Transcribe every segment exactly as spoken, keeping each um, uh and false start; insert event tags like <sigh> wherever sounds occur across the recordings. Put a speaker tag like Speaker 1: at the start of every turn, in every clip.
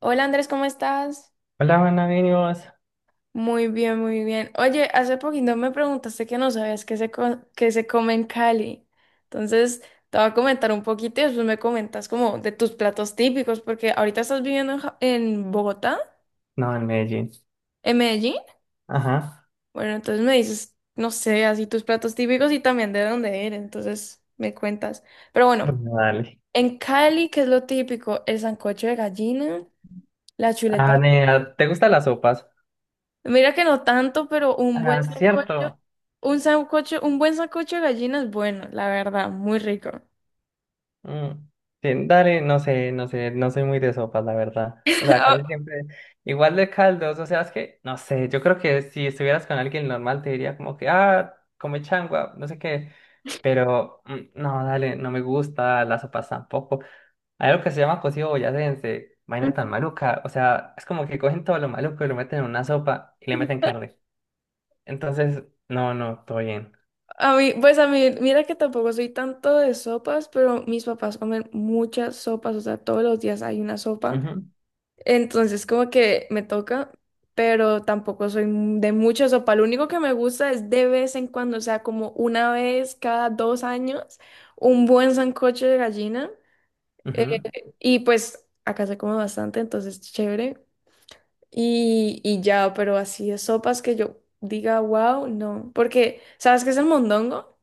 Speaker 1: Hola Andrés, ¿cómo estás?
Speaker 2: Hola, Juana, ¿bien y vos?
Speaker 1: Muy bien, muy bien. Oye, hace poquito me preguntaste que no sabías qué se, co- qué se come en Cali. Entonces, te voy a comentar un poquito y después me comentas como de tus platos típicos, porque ahorita estás viviendo en, Ja- en Bogotá,
Speaker 2: No, en Medellín.
Speaker 1: en Medellín.
Speaker 2: Ajá.
Speaker 1: Bueno, entonces me dices, no sé, así tus platos típicos y también de dónde eres. Entonces, me cuentas. Pero bueno,
Speaker 2: Bueno, dale.
Speaker 1: en Cali, ¿qué es lo típico? El sancocho de gallina, la
Speaker 2: Ah,
Speaker 1: chuleta.
Speaker 2: nena, ¿te gustan las sopas?
Speaker 1: Mira que no tanto, pero un buen
Speaker 2: Ah,
Speaker 1: sancocho.
Speaker 2: cierto.
Speaker 1: Un sancocho, un buen sancocho de gallina es bueno, la verdad, muy rico.
Speaker 2: Mm. Sí, dale, no sé, no sé, no soy muy de sopas, la verdad. O sea,
Speaker 1: <laughs> A
Speaker 2: casi siempre igual de caldos, o sea, es que, no sé, yo creo que si estuvieras con alguien normal te diría como que, ah, come changua, no sé qué, pero mm, no, dale, no me gusta, las sopas tampoco. Hay algo que se llama cocido boyacense, vaina tan maluca. O sea, es como que cogen todo lo maluco y lo meten en una sopa y le meten carne. Entonces, no, no, todo bien.
Speaker 1: a mí, pues a mí, mira que tampoco soy tanto de sopas, pero mis papás comen muchas sopas, o sea, todos los días hay una sopa.
Speaker 2: Ujú,
Speaker 1: Entonces, como que me toca, pero tampoco soy m- de mucha sopa. Lo único que me gusta es de vez en cuando, o sea, como una vez cada dos años, un buen sancocho de gallina. eh,
Speaker 2: ujú.
Speaker 1: Y pues acá se come bastante, entonces chévere. Y, y ya, pero así de sopas que yo diga, wow, no. Porque, ¿sabes qué es el mondongo?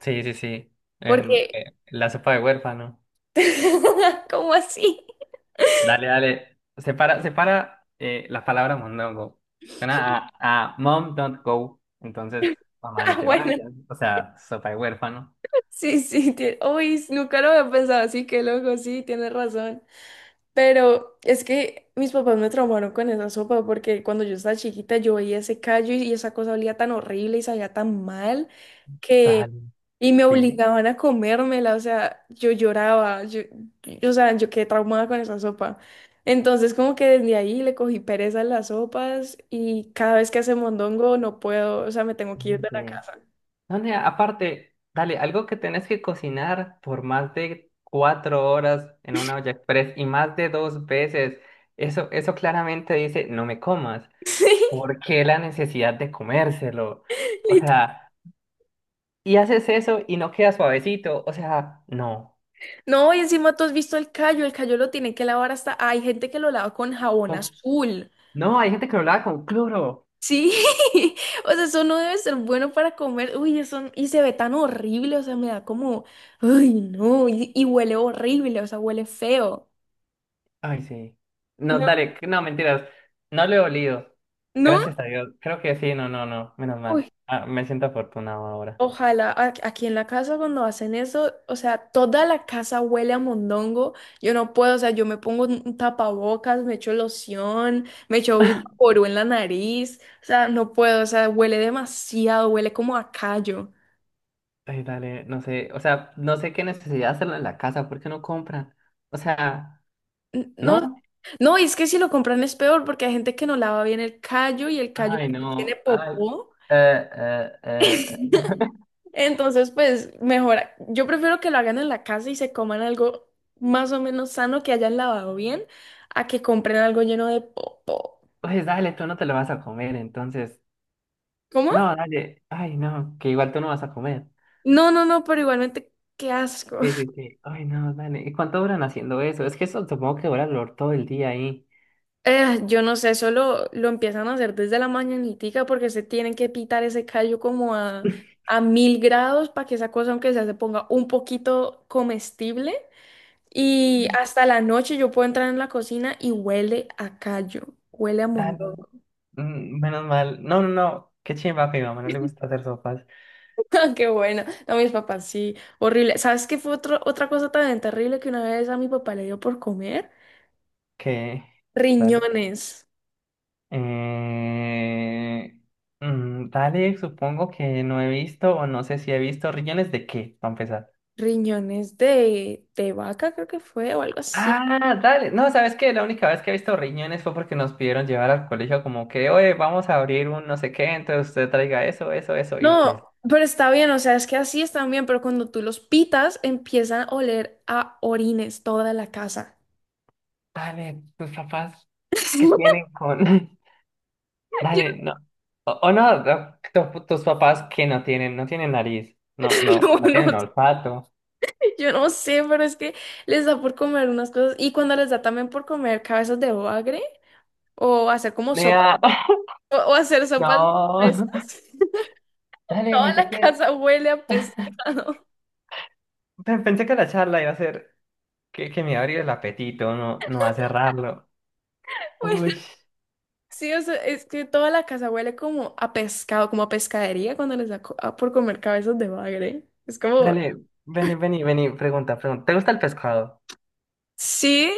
Speaker 2: Sí, sí, sí. Em,
Speaker 1: Porque,
Speaker 2: eh, la sopa de huérfano.
Speaker 1: <laughs> ¿cómo así? <laughs>
Speaker 2: Dale, dale. Separa, separa eh, la palabra mondongo. Suena a, a mom don't go. Entonces, mamá, no
Speaker 1: Ah,
Speaker 2: te
Speaker 1: bueno,
Speaker 2: vayas. O sea, sopa de huérfano.
Speaker 1: sí, sí, tie- uy, nunca lo había pensado así, qué loco, sí, tienes razón. Pero es que mis papás me traumaron con esa sopa porque cuando yo estaba chiquita yo veía ese callo y, y esa cosa olía tan horrible y sabía tan mal que...
Speaker 2: Dale.
Speaker 1: Y me
Speaker 2: Sí.
Speaker 1: obligaban a comérmela, o sea, yo lloraba, yo, yo- o sea, yo quedé traumada con esa sopa. Entonces como que desde ahí le cogí pereza a las sopas y cada vez que hace mondongo no puedo, o sea, me tengo que ir
Speaker 2: Ujú,
Speaker 1: de la
Speaker 2: sí.
Speaker 1: casa.
Speaker 2: No, nea, aparte, dale, algo que tenés que cocinar por más de cuatro horas en una olla express y más de dos veces, eso, eso claramente dice, no me comas.
Speaker 1: <laughs>
Speaker 2: ¿Por qué la necesidad de comérselo? O
Speaker 1: Lit-
Speaker 2: sea, y haces eso y no queda suavecito. O sea, no.
Speaker 1: No, y encima tú has visto el callo, el callo lo tienen que lavar hasta, hay gente que lo lava con jabón
Speaker 2: Con-
Speaker 1: azul.
Speaker 2: No, hay gente que lo lava con cloro.
Speaker 1: Sí, <laughs> o sea, eso no debe ser bueno para comer. Uy, eso, y se ve tan horrible, o sea, me da como, ay, no, y, y huele horrible, o sea, huele feo.
Speaker 2: Ay, sí. No,
Speaker 1: No,
Speaker 2: dale, no, mentiras. No le he olido.
Speaker 1: no,
Speaker 2: Gracias a Dios. Creo que sí, no, no, no. Menos
Speaker 1: uy,
Speaker 2: mal. Ah, me siento afortunado ahora.
Speaker 1: ojalá a- aquí en la casa cuando hacen eso, o sea, toda la casa huele a mondongo. Yo no puedo, o sea, yo me pongo un un tapabocas, me echo loción, me echo vaporú en la nariz, o sea, no puedo, o sea, huele demasiado, huele como a callo.
Speaker 2: Ay, dale, no sé, o sea, no sé qué necesidad hacerlo en la casa, ¿por qué no compran? O sea,
Speaker 1: N- No
Speaker 2: ¿no?
Speaker 1: No, y es que si lo compran es peor porque hay gente que no lava bien el callo y el callo
Speaker 2: Ay,
Speaker 1: después tiene
Speaker 2: no, ay,
Speaker 1: popó.
Speaker 2: eh, eh, eh,
Speaker 1: Entonces, pues mejor. Yo prefiero que lo hagan en la casa y se coman algo más o menos sano que hayan lavado bien a que compren algo lleno de popó.
Speaker 2: pues dale, tú no te lo vas a comer, entonces,
Speaker 1: ¿Cómo?
Speaker 2: no, dale, ay, no, que igual tú no vas a comer.
Speaker 1: No, no, no, pero igualmente, qué asco.
Speaker 2: Sí,
Speaker 1: <laughs>
Speaker 2: sí, sí, ay, no, dale, ¿y cuánto duran haciendo eso? Es que eso supongo que dura lo- todo el día ahí.
Speaker 1: Eh, yo no sé, solo lo empiezan a hacer desde la mañanitica porque se tienen que pitar ese callo como a,
Speaker 2: <laughs>
Speaker 1: a mil grados para que esa cosa, aunque sea, se ponga un poquito comestible. Y
Speaker 2: Mm.
Speaker 1: hasta la noche yo puedo entrar en la cocina y huele a callo, huele a
Speaker 2: Dale,
Speaker 1: mondongo.
Speaker 2: mm, menos mal, no, no, no, qué chimba que a mi mamá no le gusta hacer sopas,
Speaker 1: <laughs> Qué buena. No, mis papás, sí, horrible. ¿Sabes qué fue otro- otra cosa tan terrible que una vez a mi papá le dio por comer?
Speaker 2: que, dale.
Speaker 1: Riñones,
Speaker 2: Eh, mm, Dalek, supongo que no he visto o no sé si he visto riñones de qué, para empezar.
Speaker 1: riñones de, de vaca creo que fue o algo así.
Speaker 2: Ah, dale. No, ¿sabes qué? La única vez que he visto riñones fue porque nos pidieron llevar al colegio como que, oye, vamos a abrir un no sé qué, entonces usted traiga eso, eso, eso. Y
Speaker 1: No,
Speaker 2: pues,
Speaker 1: pero está bien, o sea, es que así están bien, pero cuando tú los pitas empiezan a oler a orines toda la casa.
Speaker 2: dale, tus papás, ¿qué
Speaker 1: <laughs>
Speaker 2: tienen con...? <laughs>
Speaker 1: Yo
Speaker 2: Dale, no. O, o no, no, tu- tus papás que no tienen, no tienen nariz, no,
Speaker 1: te
Speaker 2: no,
Speaker 1: lo
Speaker 2: no
Speaker 1: juro.
Speaker 2: tienen olfato.
Speaker 1: Yo no sé, pero es que les da por comer unas cosas. Y cuando les da también por comer cabezas de bagre, o hacer como sopa,
Speaker 2: Nea, <laughs>
Speaker 1: o, o hacer sopas de
Speaker 2: No.
Speaker 1: cabezas, <laughs>
Speaker 2: Dale,
Speaker 1: toda
Speaker 2: pensé
Speaker 1: la
Speaker 2: que
Speaker 1: casa huele a pescado.
Speaker 2: Pe- Pensé que la charla iba a ser que, que me iba a abrir el apetito, no, no a cerrarlo.
Speaker 1: <laughs> Bueno,
Speaker 2: Uy,
Speaker 1: sí, o sea, es que toda la casa huele como a pescado, como a pescadería cuando les da co- a- por comer cabezas de bagre. Es como,
Speaker 2: dale, vení, vení, vení, pregunta, pregunta. ¿Te gusta el pescado?
Speaker 1: sí,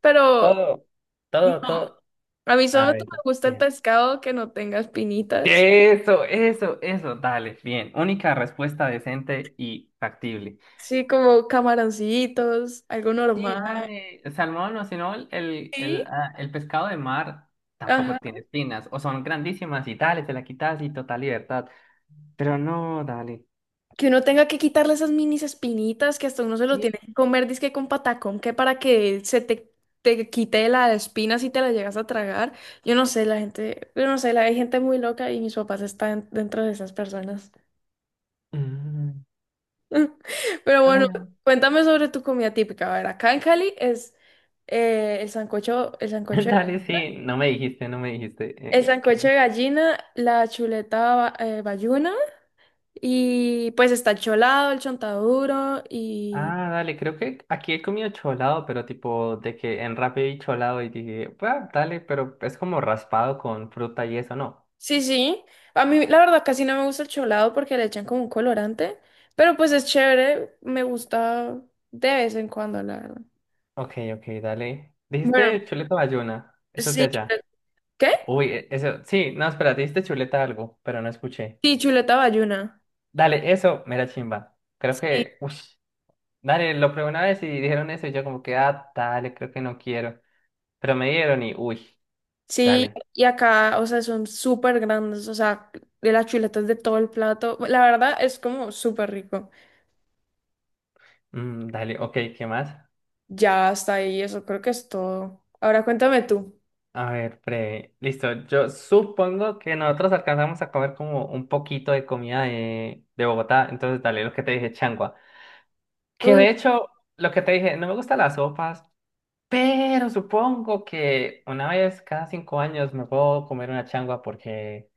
Speaker 1: pero
Speaker 2: Todo,
Speaker 1: no,
Speaker 2: todo, todo.
Speaker 1: a mí solo
Speaker 2: A
Speaker 1: me
Speaker 2: ver,
Speaker 1: gusta el
Speaker 2: bien.
Speaker 1: pescado que no tenga espinitas.
Speaker 2: Eso, eso, eso, dale, bien. Única respuesta decente y factible.
Speaker 1: Sí, como camaroncitos, algo
Speaker 2: Sí,
Speaker 1: normal.
Speaker 2: dale, salmón o si no, el, el,
Speaker 1: Sí.
Speaker 2: el ah, el pescado de mar tampoco
Speaker 1: Ajá.
Speaker 2: tiene espinas, o son grandísimas y dale, te la quitas y total libertad. Pero no, dale.
Speaker 1: Que uno tenga que quitarle esas minis espinitas que hasta uno se lo tiene
Speaker 2: Sí.
Speaker 1: que comer, dizque con patacón, que para que se te, te quite la espina si te la llegas a tragar. Yo no sé, la gente, yo no sé, la, hay gente muy loca y mis papás están dentro de esas personas.
Speaker 2: Mm,
Speaker 1: <laughs> Pero bueno,
Speaker 2: dale,
Speaker 1: cuéntame sobre tu comida típica. A ver, acá en Cali es eh, el sancocho, el
Speaker 2: <laughs>
Speaker 1: sancocho,
Speaker 2: Dale, sí, no me dijiste, no me dijiste.
Speaker 1: el
Speaker 2: eh,
Speaker 1: sancocho
Speaker 2: ¿qué?
Speaker 1: de gallina, la chuleta ba- eh, bayuna y pues está el cholado, el chontaduro y
Speaker 2: Ah, dale, creo que aquí he comido cholado, pero tipo de que en Rappi vi cholado y dije, "Bah, dale, pero es como raspado con fruta y eso, ¿no?
Speaker 1: sí, sí. A mí, la verdad, casi no me gusta el cholado porque le echan como un colorante, pero pues es chévere, me gusta de vez en cuando, la verdad.
Speaker 2: Ok, ok, dale.
Speaker 1: Bueno,
Speaker 2: Dijiste chuleta bayuna, eso es de
Speaker 1: sí, chuleta-
Speaker 2: allá.
Speaker 1: ¿qué?
Speaker 2: Uy, e- eso, sí, no, espera, dijiste chuleta algo, pero no escuché.
Speaker 1: Sí, chuleta bayuna.
Speaker 2: Dale, eso, mera chimba. Creo
Speaker 1: Sí,
Speaker 2: que, uff, dale, lo probé una vez y dijeron eso y yo como que, ah, dale, creo que no quiero. Pero me dieron y, uy,
Speaker 1: sí,
Speaker 2: dale,
Speaker 1: y acá, o sea, son súper grandes, o sea, de las chuletas de todo el plato. La verdad es como súper rico.
Speaker 2: mm, dale, ok, ¿qué más?
Speaker 1: Ya hasta ahí, eso creo que es todo. Ahora cuéntame tú.
Speaker 2: A ver, pre, listo. Yo supongo que nosotros alcanzamos a comer como un poquito de comida de, de Bogotá, entonces dale lo que te dije, changua. Que
Speaker 1: Uy,
Speaker 2: de hecho, lo que te dije, no me gustan las sopas, pero supongo que una vez cada cinco años me puedo comer una changua porque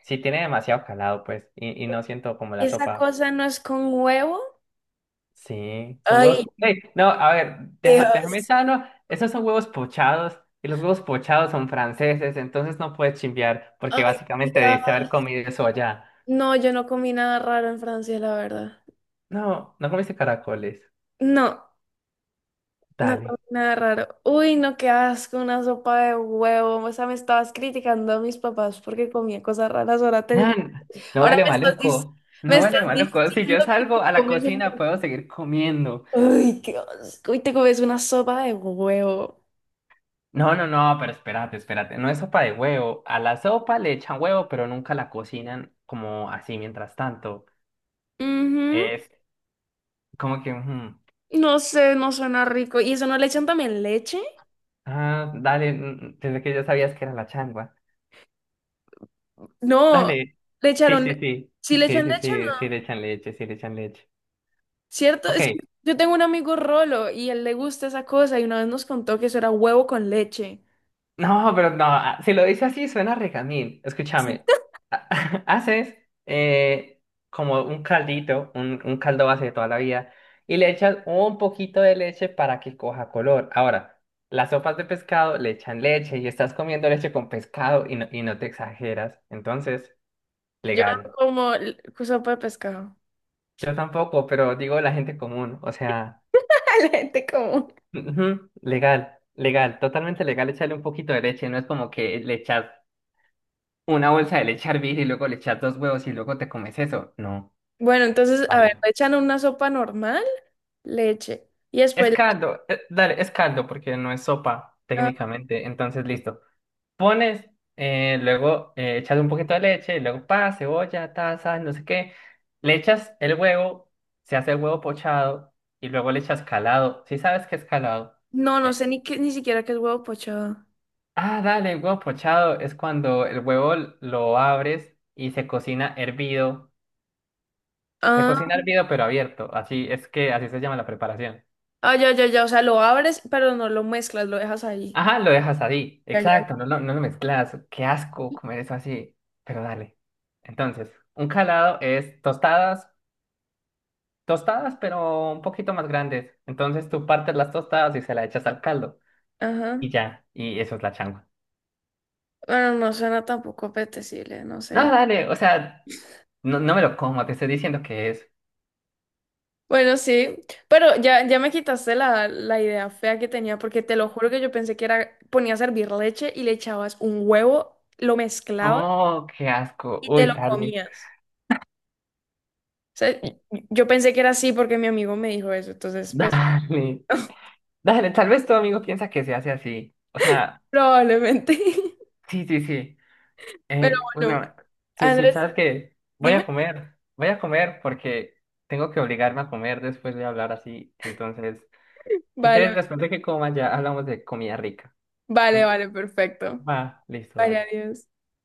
Speaker 2: si tiene demasiado calado, pues, y, y no siento como la
Speaker 1: ¿esa
Speaker 2: sopa.
Speaker 1: cosa no es con huevo?
Speaker 2: Sí, son huevos.
Speaker 1: Ay,
Speaker 2: po- ¡Ey! No, a ver, deja- déjame
Speaker 1: Dios.
Speaker 2: sano. Esos son huevos pochados y los huevos pochados son franceses, entonces no puedes chimbear porque
Speaker 1: Ay,
Speaker 2: básicamente debiste haber
Speaker 1: Dios.
Speaker 2: comido eso allá.
Speaker 1: No, yo no comí nada raro en Francia, la verdad.
Speaker 2: No, no comiste caracoles.
Speaker 1: No, no comí
Speaker 2: Dale.
Speaker 1: nada raro. Uy, no, qué asco, una sopa de huevo. O sea, me estabas criticando a mis papás porque comía cosas raras. Ahora, te-
Speaker 2: Man, no
Speaker 1: ahora
Speaker 2: huele
Speaker 1: me estás, dic-
Speaker 2: maluco.
Speaker 1: me
Speaker 2: No
Speaker 1: estás
Speaker 2: huele maluco. Si yo
Speaker 1: diciendo que te
Speaker 2: salgo a la
Speaker 1: comes
Speaker 2: cocina
Speaker 1: un...
Speaker 2: puedo seguir comiendo.
Speaker 1: Uy, qué asco. Y te comes una sopa de huevo.
Speaker 2: No, no, no, pero espérate, espérate. No es sopa de huevo. A la sopa le echan huevo, pero nunca la cocinan como así mientras tanto.
Speaker 1: Ujú.
Speaker 2: Es como que... ujú.
Speaker 1: No sé, no suena rico. ¿Y eso no le echan también leche?
Speaker 2: Ah, dale, mm, pensé que ya sabías que era la changua.
Speaker 1: No,
Speaker 2: Dale.
Speaker 1: le
Speaker 2: Sí,
Speaker 1: echaron... le-
Speaker 2: sí, sí.
Speaker 1: ¿Sí le
Speaker 2: Sí,
Speaker 1: echan
Speaker 2: sí,
Speaker 1: leche o
Speaker 2: sí,
Speaker 1: no?
Speaker 2: sí le echan leche, sí le echan leche.
Speaker 1: ¿Cierto? Es que
Speaker 2: Ok.
Speaker 1: yo tengo un amigo Rolo y él le gusta esa cosa y una vez nos contó que eso era huevo con leche.
Speaker 2: No, pero no, ah, si lo dice así suena regamín.
Speaker 1: Sí.
Speaker 2: Escúchame. Ha- <laughs> Haces eh, como un caldito, un, un caldo base de toda la vida, y le echas un poquito de leche para que coja color. Ahora, las sopas de pescado le echan leche y estás comiendo leche con pescado y no, y no te exageras. Entonces,
Speaker 1: Yo
Speaker 2: legal.
Speaker 1: como l- sopa de pescado.
Speaker 2: Yo tampoco, pero digo la gente común, o sea,
Speaker 1: <laughs> La gente común.
Speaker 2: ujú, legal, legal, totalmente legal echarle un poquito de leche, no es como que le echas una bolsa de leche hervir y luego le echas dos huevos y luego te comes eso, no.
Speaker 1: Bueno, entonces, a
Speaker 2: Vale.
Speaker 1: ver, le echan una sopa normal, leche. Y
Speaker 2: Es
Speaker 1: después,
Speaker 2: caldo, eh, dale, es caldo porque no es sopa
Speaker 1: ah,
Speaker 2: técnicamente, entonces listo. Pones, eh, luego eh, echas un poquito de leche, luego pa, cebolla, taza, no sé qué, le echas el huevo, se hace el huevo pochado y luego le echas calado, si sabes que es calado?
Speaker 1: no, no
Speaker 2: Eh,
Speaker 1: sé ni qué, ni siquiera qué es huevo pochado.
Speaker 2: Ah, dale, huevo pochado es cuando el huevo l- lo abres y se cocina hervido. Se
Speaker 1: Ah,
Speaker 2: cocina hervido pero abierto, así es que así se llama la preparación.
Speaker 1: ah, ya, ya, ya. O sea, lo abres, pero no lo mezclas, lo dejas ahí.
Speaker 2: Ajá, lo dejas así,
Speaker 1: Ya, ya.
Speaker 2: exacto, no lo, no lo mezclas. Qué asco comer eso así, pero dale. Entonces, un calado es tostadas, tostadas, pero un poquito más grandes. Entonces tú partes las tostadas y se las echas al caldo
Speaker 1: Ajá.
Speaker 2: y ya, y eso es la changua.
Speaker 1: Bueno, no suena tampoco apetecible, no
Speaker 2: No,
Speaker 1: sé.
Speaker 2: dale, o sea, no, no me lo como, te estoy diciendo que es.
Speaker 1: Bueno, sí, pero ya, ya me quitaste la, la idea fea que tenía, porque te lo juro que yo pensé que era, ponías a hervir leche y le echabas un huevo, lo mezclabas
Speaker 2: Oh, qué asco.
Speaker 1: y te
Speaker 2: Uy,
Speaker 1: lo
Speaker 2: dale,
Speaker 1: comías. O sea, y- yo pensé que era así porque mi amigo me dijo eso,
Speaker 2: <laughs>
Speaker 1: entonces, pues,
Speaker 2: dale, dale. Tal vez tu amigo piensa que se hace así. O sea,
Speaker 1: probablemente. <laughs>
Speaker 2: sí, sí, sí.
Speaker 1: Pero
Speaker 2: Eh,
Speaker 1: bueno,
Speaker 2: bueno, sí, sí,
Speaker 1: Andrés,
Speaker 2: ¿sabes qué? Voy
Speaker 1: dime.
Speaker 2: a comer, voy a comer porque tengo que obligarme a comer después de hablar así. Entonces, si quieres,
Speaker 1: Vale,
Speaker 2: después de que coma, ya hablamos de comida rica. Mm,
Speaker 1: vale, vale, perfecto.
Speaker 2: va, listo,
Speaker 1: Vale,
Speaker 2: dale.
Speaker 1: adiós.